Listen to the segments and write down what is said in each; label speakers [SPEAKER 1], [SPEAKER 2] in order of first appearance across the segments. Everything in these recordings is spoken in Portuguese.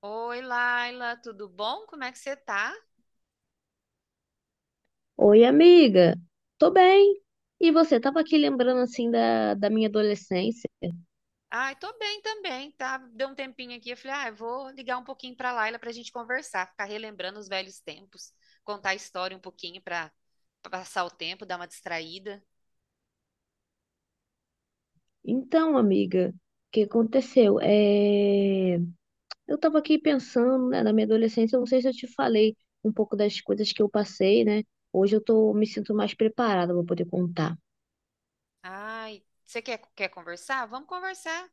[SPEAKER 1] Oi, Laila, tudo bom? Como é que você tá?
[SPEAKER 2] Oi, amiga. Tô bem. E você? Tava aqui lembrando assim da minha adolescência.
[SPEAKER 1] Ai, tô bem também, tá? Deu um tempinho aqui, eu falei, ah, eu vou ligar um pouquinho pra Laila pra gente conversar, ficar relembrando os velhos tempos, contar a história um pouquinho pra passar o tempo, dar uma distraída.
[SPEAKER 2] Então, amiga, o que aconteceu? Eu tava aqui pensando, né, na minha adolescência. Eu não sei se eu te falei um pouco das coisas que eu passei, né? Hoje eu tô me sinto mais preparada para poder contar.
[SPEAKER 1] Ai, você quer conversar? Vamos conversar.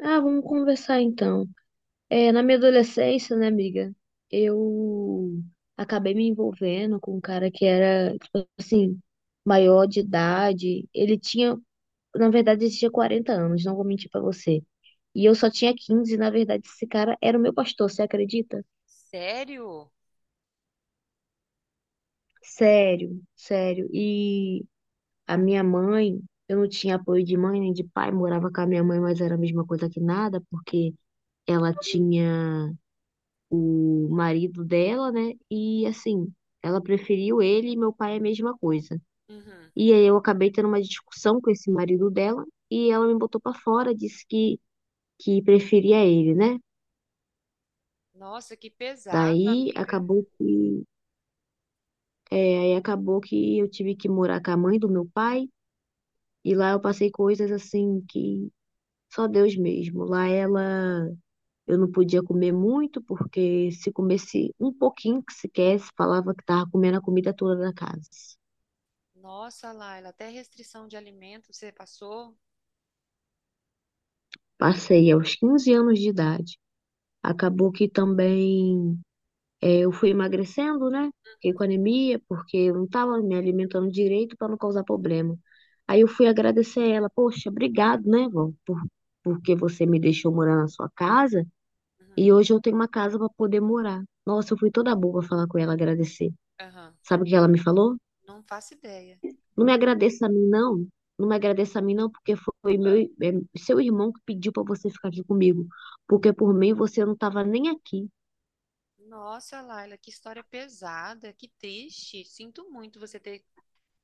[SPEAKER 2] Ah, vamos conversar então. É, na minha adolescência, né, amiga? Eu acabei me envolvendo com um cara que era, tipo assim, maior de idade. Ele tinha Na verdade, ele tinha 40 anos, não vou mentir pra você. E eu só tinha 15 e, na verdade, esse cara era o meu pastor, você acredita?
[SPEAKER 1] Sério?
[SPEAKER 2] Sério, sério. E a minha mãe, eu não tinha apoio de mãe nem de pai, morava com a minha mãe, mas era a mesma coisa que nada, porque ela tinha o marido dela, né? E assim, ela preferiu ele e meu pai a mesma coisa.
[SPEAKER 1] Uhum.
[SPEAKER 2] E aí eu acabei tendo uma discussão com esse marido dela e ela me botou pra fora, disse que preferia ele, né?
[SPEAKER 1] Nossa, que pesado,
[SPEAKER 2] Daí
[SPEAKER 1] amiga.
[SPEAKER 2] acabou que, é, Aí acabou que eu tive que morar com a mãe do meu pai e lá eu passei coisas assim que só Deus mesmo. Lá ela, eu não podia comer muito porque se comesse um pouquinho que sequer, se falava que tava comendo a comida toda da casa.
[SPEAKER 1] Nossa, Laila, até restrição de alimento você passou?
[SPEAKER 2] Passei aos 15 anos de idade. Acabou que também É, eu fui emagrecendo, né? Fiquei com anemia, porque eu não estava me alimentando direito para não causar problema. Aí eu fui agradecer ela, poxa, obrigado, né, vó, porque você me deixou morar na sua casa
[SPEAKER 1] Uhum.
[SPEAKER 2] e hoje eu tenho uma casa para poder morar. Nossa, eu fui toda boba falar com ela, agradecer.
[SPEAKER 1] Aham.
[SPEAKER 2] Sabe o que ela me falou?
[SPEAKER 1] Não faço ideia.
[SPEAKER 2] Não me agradeça a mim, não. Não me agradeça a mim, não, porque foi seu irmão que pediu para você ficar aqui comigo. Porque por mim você não estava nem aqui.
[SPEAKER 1] Nossa, Laila, que história pesada, que triste. Sinto muito você ter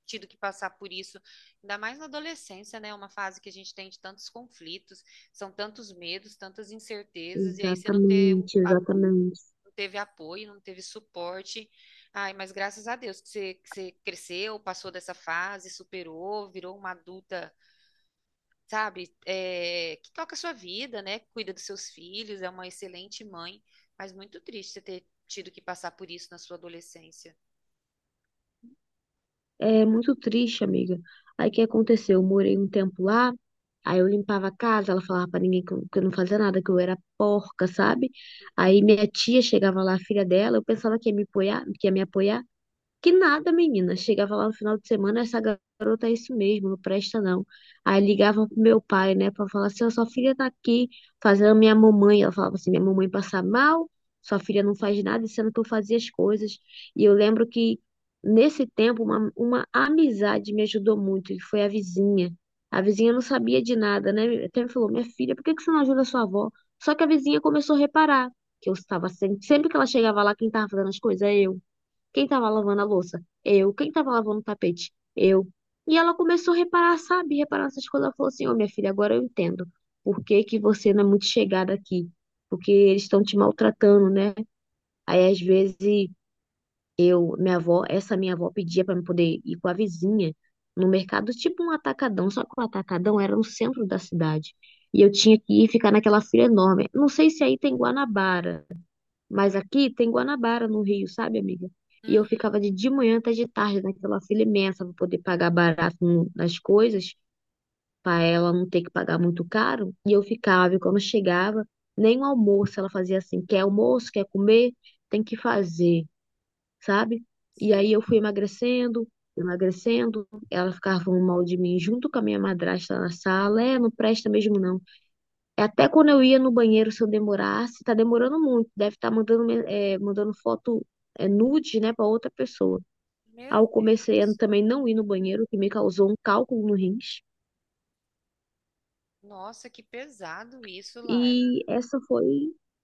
[SPEAKER 1] tido que passar por isso, ainda mais na adolescência, né? Uma fase que a gente tem de tantos conflitos, são tantos medos, tantas incertezas, e aí você não ter- um
[SPEAKER 2] Exatamente,
[SPEAKER 1] a-
[SPEAKER 2] exatamente.
[SPEAKER 1] não teve apoio, não teve suporte. Ai, mas graças a Deus que você cresceu, passou dessa fase, superou, virou uma adulta, sabe, é, que toca a sua vida, né? Cuida dos seus filhos, é uma excelente mãe, mas muito triste você ter tido que passar por isso na sua adolescência.
[SPEAKER 2] É muito triste, amiga. Aí o que aconteceu? Eu morei um tempo lá, aí eu limpava a casa, ela falava pra ninguém que eu não fazia nada, que eu era porca, sabe? Aí minha tia chegava lá, a filha dela, eu pensava que ia me apoiar, que ia me apoiar. Que nada, menina. Chegava lá no final de semana, essa garota é isso mesmo, não presta não. Aí ligava pro meu pai, né, pra falar assim: "Ó, sua filha tá aqui fazendo minha mamãe. Ela falava assim: minha mamãe passa mal, sua filha não faz nada, sendo que eu fazia as coisas. E eu lembro que nesse tempo uma amizade me ajudou muito, que foi a vizinha. A vizinha não sabia de nada, né? Até me falou: minha filha, por que que você não ajuda a sua avó? Só que a vizinha começou a reparar que eu estava sempre, sempre que ela chegava lá, quem estava fazendo as coisas era eu. Quem estava lavando a louça? Eu. Quem estava lavando o tapete? Eu. E ela começou a reparar, sabe? Reparar essas coisas. Ela falou assim: Ô, minha filha, agora eu entendo. Por que que você não é muito chegada aqui? Porque eles estão te maltratando, né? Aí, às vezes, essa minha avó pedia para eu poder ir com a vizinha no mercado, tipo um atacadão. Só que o atacadão era no centro da cidade. E eu tinha que ir ficar naquela fila enorme. Não sei se aí tem Guanabara. Mas aqui tem Guanabara no Rio, sabe, amiga? E eu
[SPEAKER 1] Uhum,
[SPEAKER 2] ficava de manhã até de tarde naquela fila imensa para poder pagar barato nas coisas, para ela não ter que pagar muito caro. E eu ficava, e quando chegava, nem o almoço ela fazia assim: quer almoço, quer comer, tem que fazer, sabe? E aí eu
[SPEAKER 1] sei.
[SPEAKER 2] fui emagrecendo, emagrecendo. Ela ficava falando mal de mim junto com a minha madrasta na sala: é, não presta mesmo não. Até quando eu ia no banheiro, se eu demorasse, tá demorando muito. Deve estar mandando foto, nude, né, pra outra pessoa. Aí
[SPEAKER 1] Meu
[SPEAKER 2] eu comecei a
[SPEAKER 1] Deus.
[SPEAKER 2] também não ir no banheiro, o que me causou um cálculo no rins.
[SPEAKER 1] Nossa, que pesado isso, Laila.
[SPEAKER 2] E essa foi,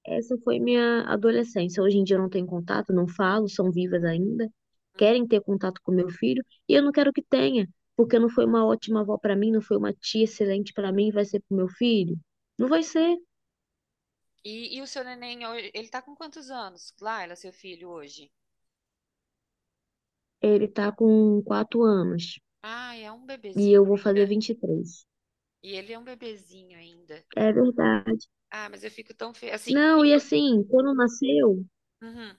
[SPEAKER 2] essa foi minha adolescência. Hoje em dia eu não tenho contato, não falo, são vivas ainda.
[SPEAKER 1] Uhum.
[SPEAKER 2] Querem ter contato com meu filho e eu não quero que tenha, porque não foi uma ótima avó pra mim, não foi uma tia excelente pra mim, vai ser pro meu filho? Não vai ser.
[SPEAKER 1] E o seu neném, ele tá com quantos anos, Laila, seu filho, hoje?
[SPEAKER 2] Ele tá com 4 anos.
[SPEAKER 1] Ah, é um
[SPEAKER 2] E
[SPEAKER 1] bebezinho
[SPEAKER 2] eu vou fazer
[SPEAKER 1] ainda.
[SPEAKER 2] 23.
[SPEAKER 1] E ele é um bebezinho ainda.
[SPEAKER 2] É verdade.
[SPEAKER 1] Ah, mas eu fico tão feliz. Assim,
[SPEAKER 2] Não, e
[SPEAKER 1] fico.
[SPEAKER 2] assim, quando nasceu.
[SPEAKER 1] Uhum.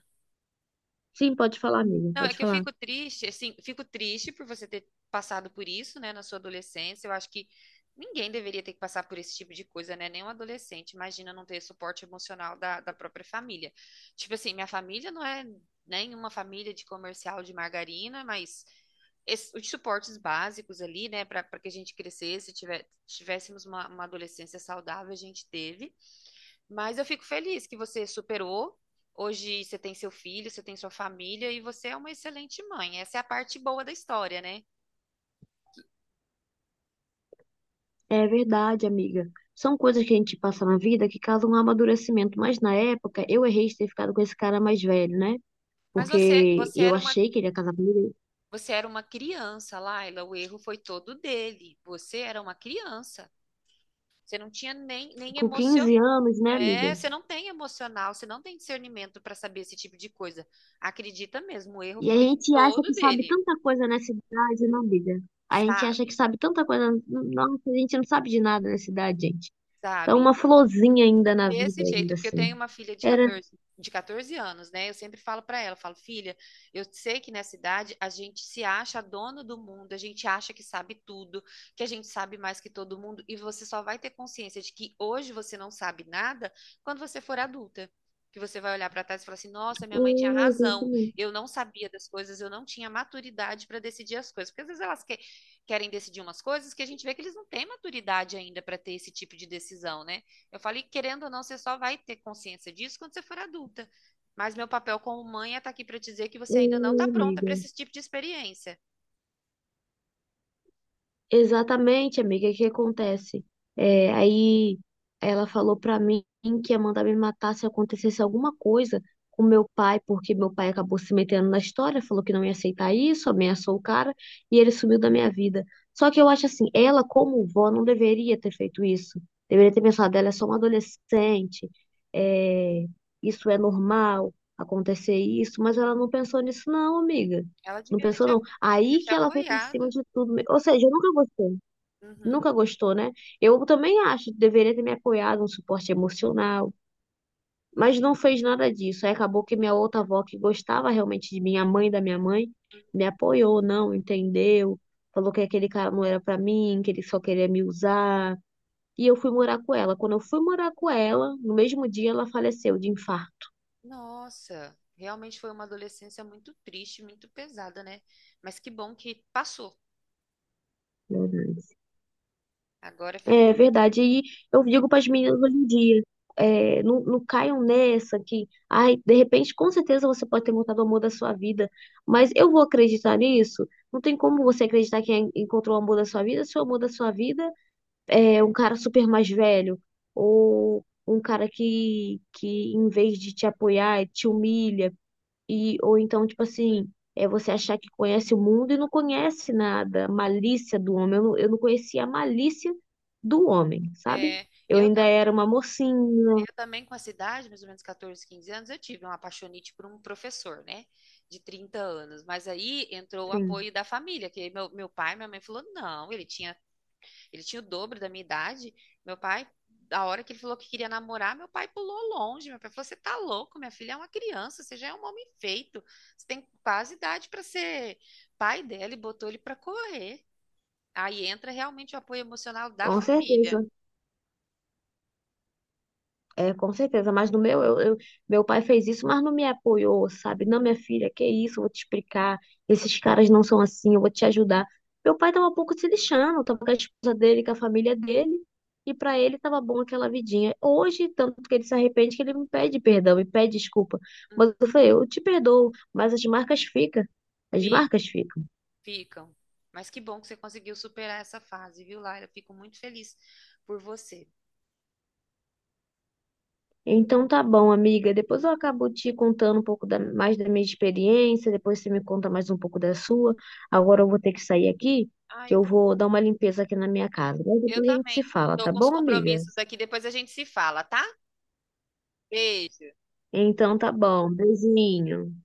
[SPEAKER 2] Sim, pode falar, amiga,
[SPEAKER 1] Não, é
[SPEAKER 2] pode
[SPEAKER 1] que eu
[SPEAKER 2] falar.
[SPEAKER 1] fico triste, assim, fico triste por você ter passado por isso, né, na sua adolescência. Eu acho que ninguém deveria ter que passar por esse tipo de coisa, né? Nem um adolescente. Imagina não ter suporte emocional da própria família. Tipo assim, minha família não é nenhuma família de comercial de margarina, mas os suportes básicos ali, né, para que a gente crescesse, tivéssemos uma adolescência saudável, a gente teve. Mas eu fico feliz que você superou. Hoje você tem seu filho, você tem sua família e você é uma excelente mãe. Essa é a parte boa da história, né?
[SPEAKER 2] É verdade, amiga. São coisas que a gente passa na vida que causam um amadurecimento. Mas na época, eu errei de ter ficado com esse cara mais velho, né?
[SPEAKER 1] Mas
[SPEAKER 2] Porque eu achei que ele ia casar comigo
[SPEAKER 1] você era uma criança, Laila. O erro foi todo dele. Você era uma criança. Você não tinha nem
[SPEAKER 2] com
[SPEAKER 1] emoção.
[SPEAKER 2] 15 anos, né, amiga?
[SPEAKER 1] É, você não tem emocional, você não tem discernimento para saber esse tipo de coisa. Acredita mesmo, o erro
[SPEAKER 2] E a
[SPEAKER 1] foi
[SPEAKER 2] gente acha
[SPEAKER 1] todo
[SPEAKER 2] que sabe
[SPEAKER 1] dele,
[SPEAKER 2] tanta coisa nessa idade, não, amiga? A gente acha que
[SPEAKER 1] sabe?
[SPEAKER 2] sabe tanta coisa. Nossa, a gente não sabe de nada nessa idade, gente. Então,
[SPEAKER 1] Sabe?
[SPEAKER 2] uma florzinha ainda na
[SPEAKER 1] Desse
[SPEAKER 2] vida,
[SPEAKER 1] jeito,
[SPEAKER 2] ainda
[SPEAKER 1] porque eu
[SPEAKER 2] assim.
[SPEAKER 1] tenho uma filha de
[SPEAKER 2] Era
[SPEAKER 1] 14, de 14 anos, né? Eu sempre falo pra ela, falo, filha, eu sei que nessa idade a gente se acha dono do mundo, a gente acha que sabe tudo, que a gente sabe mais que todo mundo, e você só vai ter consciência de que hoje você não sabe nada quando você for adulta. Que você vai olhar pra trás e falar assim: nossa, minha mãe tinha
[SPEAKER 2] É,
[SPEAKER 1] razão,
[SPEAKER 2] exatamente.
[SPEAKER 1] eu não sabia das coisas, eu não tinha maturidade pra decidir as coisas. Porque às vezes querem decidir umas coisas que a gente vê que eles não têm maturidade ainda pra ter esse tipo de decisão, né? Eu falei, que, querendo ou não, você só vai ter consciência disso quando você for adulta. Mas meu papel como mãe é estar aqui para dizer que
[SPEAKER 2] É,
[SPEAKER 1] você ainda não está pronta para
[SPEAKER 2] amiga.
[SPEAKER 1] esse tipo de experiência.
[SPEAKER 2] Exatamente, amiga, o que acontece? É, aí ela falou pra mim que ia mandar me matar se acontecesse alguma coisa com meu pai, porque meu pai acabou se metendo na história, falou que não ia aceitar isso, ameaçou o cara e ele sumiu da minha vida. Só que eu acho assim, ela como vó não deveria ter feito isso. Deveria ter pensado, ela é só uma adolescente, é, isso é normal acontecer isso, mas ela não pensou nisso não, amiga.
[SPEAKER 1] Ela
[SPEAKER 2] Não
[SPEAKER 1] devia ter
[SPEAKER 2] pensou,
[SPEAKER 1] te, a-
[SPEAKER 2] não.
[SPEAKER 1] Devia ter
[SPEAKER 2] Aí
[SPEAKER 1] te
[SPEAKER 2] que ela foi por cima
[SPEAKER 1] apoiado.
[SPEAKER 2] de tudo mesmo. Ou seja, eu nunca gostei.
[SPEAKER 1] Uhum.
[SPEAKER 2] Nunca gostou, né? Eu também acho que deveria ter me apoiado, um suporte emocional. Mas não fez nada disso. Aí acabou que minha outra avó, que gostava realmente de mim, a mãe da minha mãe, me apoiou, não, entendeu? Falou que aquele cara não era pra mim, que ele só queria me usar. E eu fui morar com ela. Quando eu fui morar com ela, no mesmo dia ela faleceu de infarto.
[SPEAKER 1] Nossa, realmente foi uma adolescência muito triste, muito pesada, né? Mas que bom que passou. Agora
[SPEAKER 2] É
[SPEAKER 1] ficou.
[SPEAKER 2] verdade. E eu digo para as meninas hoje em dia, não, não caiam nessa que, ai, de repente, com certeza você pode ter encontrado o amor da sua vida, mas eu vou acreditar nisso? Não tem como você acreditar que encontrou o amor da sua vida se o amor da sua vida é um cara super mais velho ou um cara que em vez de te apoiar, te humilha. Ou então, tipo assim, é você achar que conhece o mundo e não conhece nada, a malícia do homem. Eu não conhecia a malícia do homem, sabe?
[SPEAKER 1] É,
[SPEAKER 2] Eu
[SPEAKER 1] eu
[SPEAKER 2] ainda
[SPEAKER 1] também.
[SPEAKER 2] era uma mocinha,
[SPEAKER 1] Eu também, com a idade, mais ou menos 14, 15 anos, eu tive uma apaixonite por um professor, né? De 30 anos. Mas aí entrou o
[SPEAKER 2] assim,
[SPEAKER 1] apoio da família, que meu pai, minha mãe falou, não, ele tinha o dobro da minha idade. Meu pai, da hora que ele falou que queria namorar, meu pai pulou longe. Meu pai falou, você tá louco, minha filha é uma criança, você já é um homem feito. Você tem quase idade para ser pai dela e botou ele para correr. Aí entra realmente o apoio emocional da
[SPEAKER 2] com
[SPEAKER 1] família.
[SPEAKER 2] certeza. É, com certeza, mas no meu, eu- meu pai fez isso, mas não me apoiou, sabe? Não, minha filha, que isso, eu vou te explicar. Esses caras não são assim, eu vou te ajudar. Meu pai tava um pouco se lixando, tava com a esposa dele, com a família dele, e pra ele tava bom aquela vidinha. Hoje, tanto que ele se arrepende que ele me pede perdão, me pede desculpa. Mas
[SPEAKER 1] Uhum.
[SPEAKER 2] eu falei, eu te perdoo, mas as marcas ficam. As
[SPEAKER 1] Fi-
[SPEAKER 2] marcas ficam.
[SPEAKER 1] Ficam. Mas que bom que você conseguiu superar essa fase, viu, Laila? Fico muito feliz por você.
[SPEAKER 2] Então tá bom, amiga. Depois eu acabo te contando um pouco mais da minha experiência, depois você me conta mais um pouco da sua. Agora eu vou ter que sair aqui,
[SPEAKER 1] Ah,
[SPEAKER 2] que
[SPEAKER 1] eu,
[SPEAKER 2] eu
[SPEAKER 1] tam-
[SPEAKER 2] vou dar uma limpeza aqui na minha casa. Mas
[SPEAKER 1] eu
[SPEAKER 2] depois a gente se
[SPEAKER 1] também.
[SPEAKER 2] fala,
[SPEAKER 1] Estou
[SPEAKER 2] tá
[SPEAKER 1] com os
[SPEAKER 2] bom, amiga?
[SPEAKER 1] compromissos aqui, depois a gente se fala, tá? Beijo.
[SPEAKER 2] Então tá bom. Beijinho.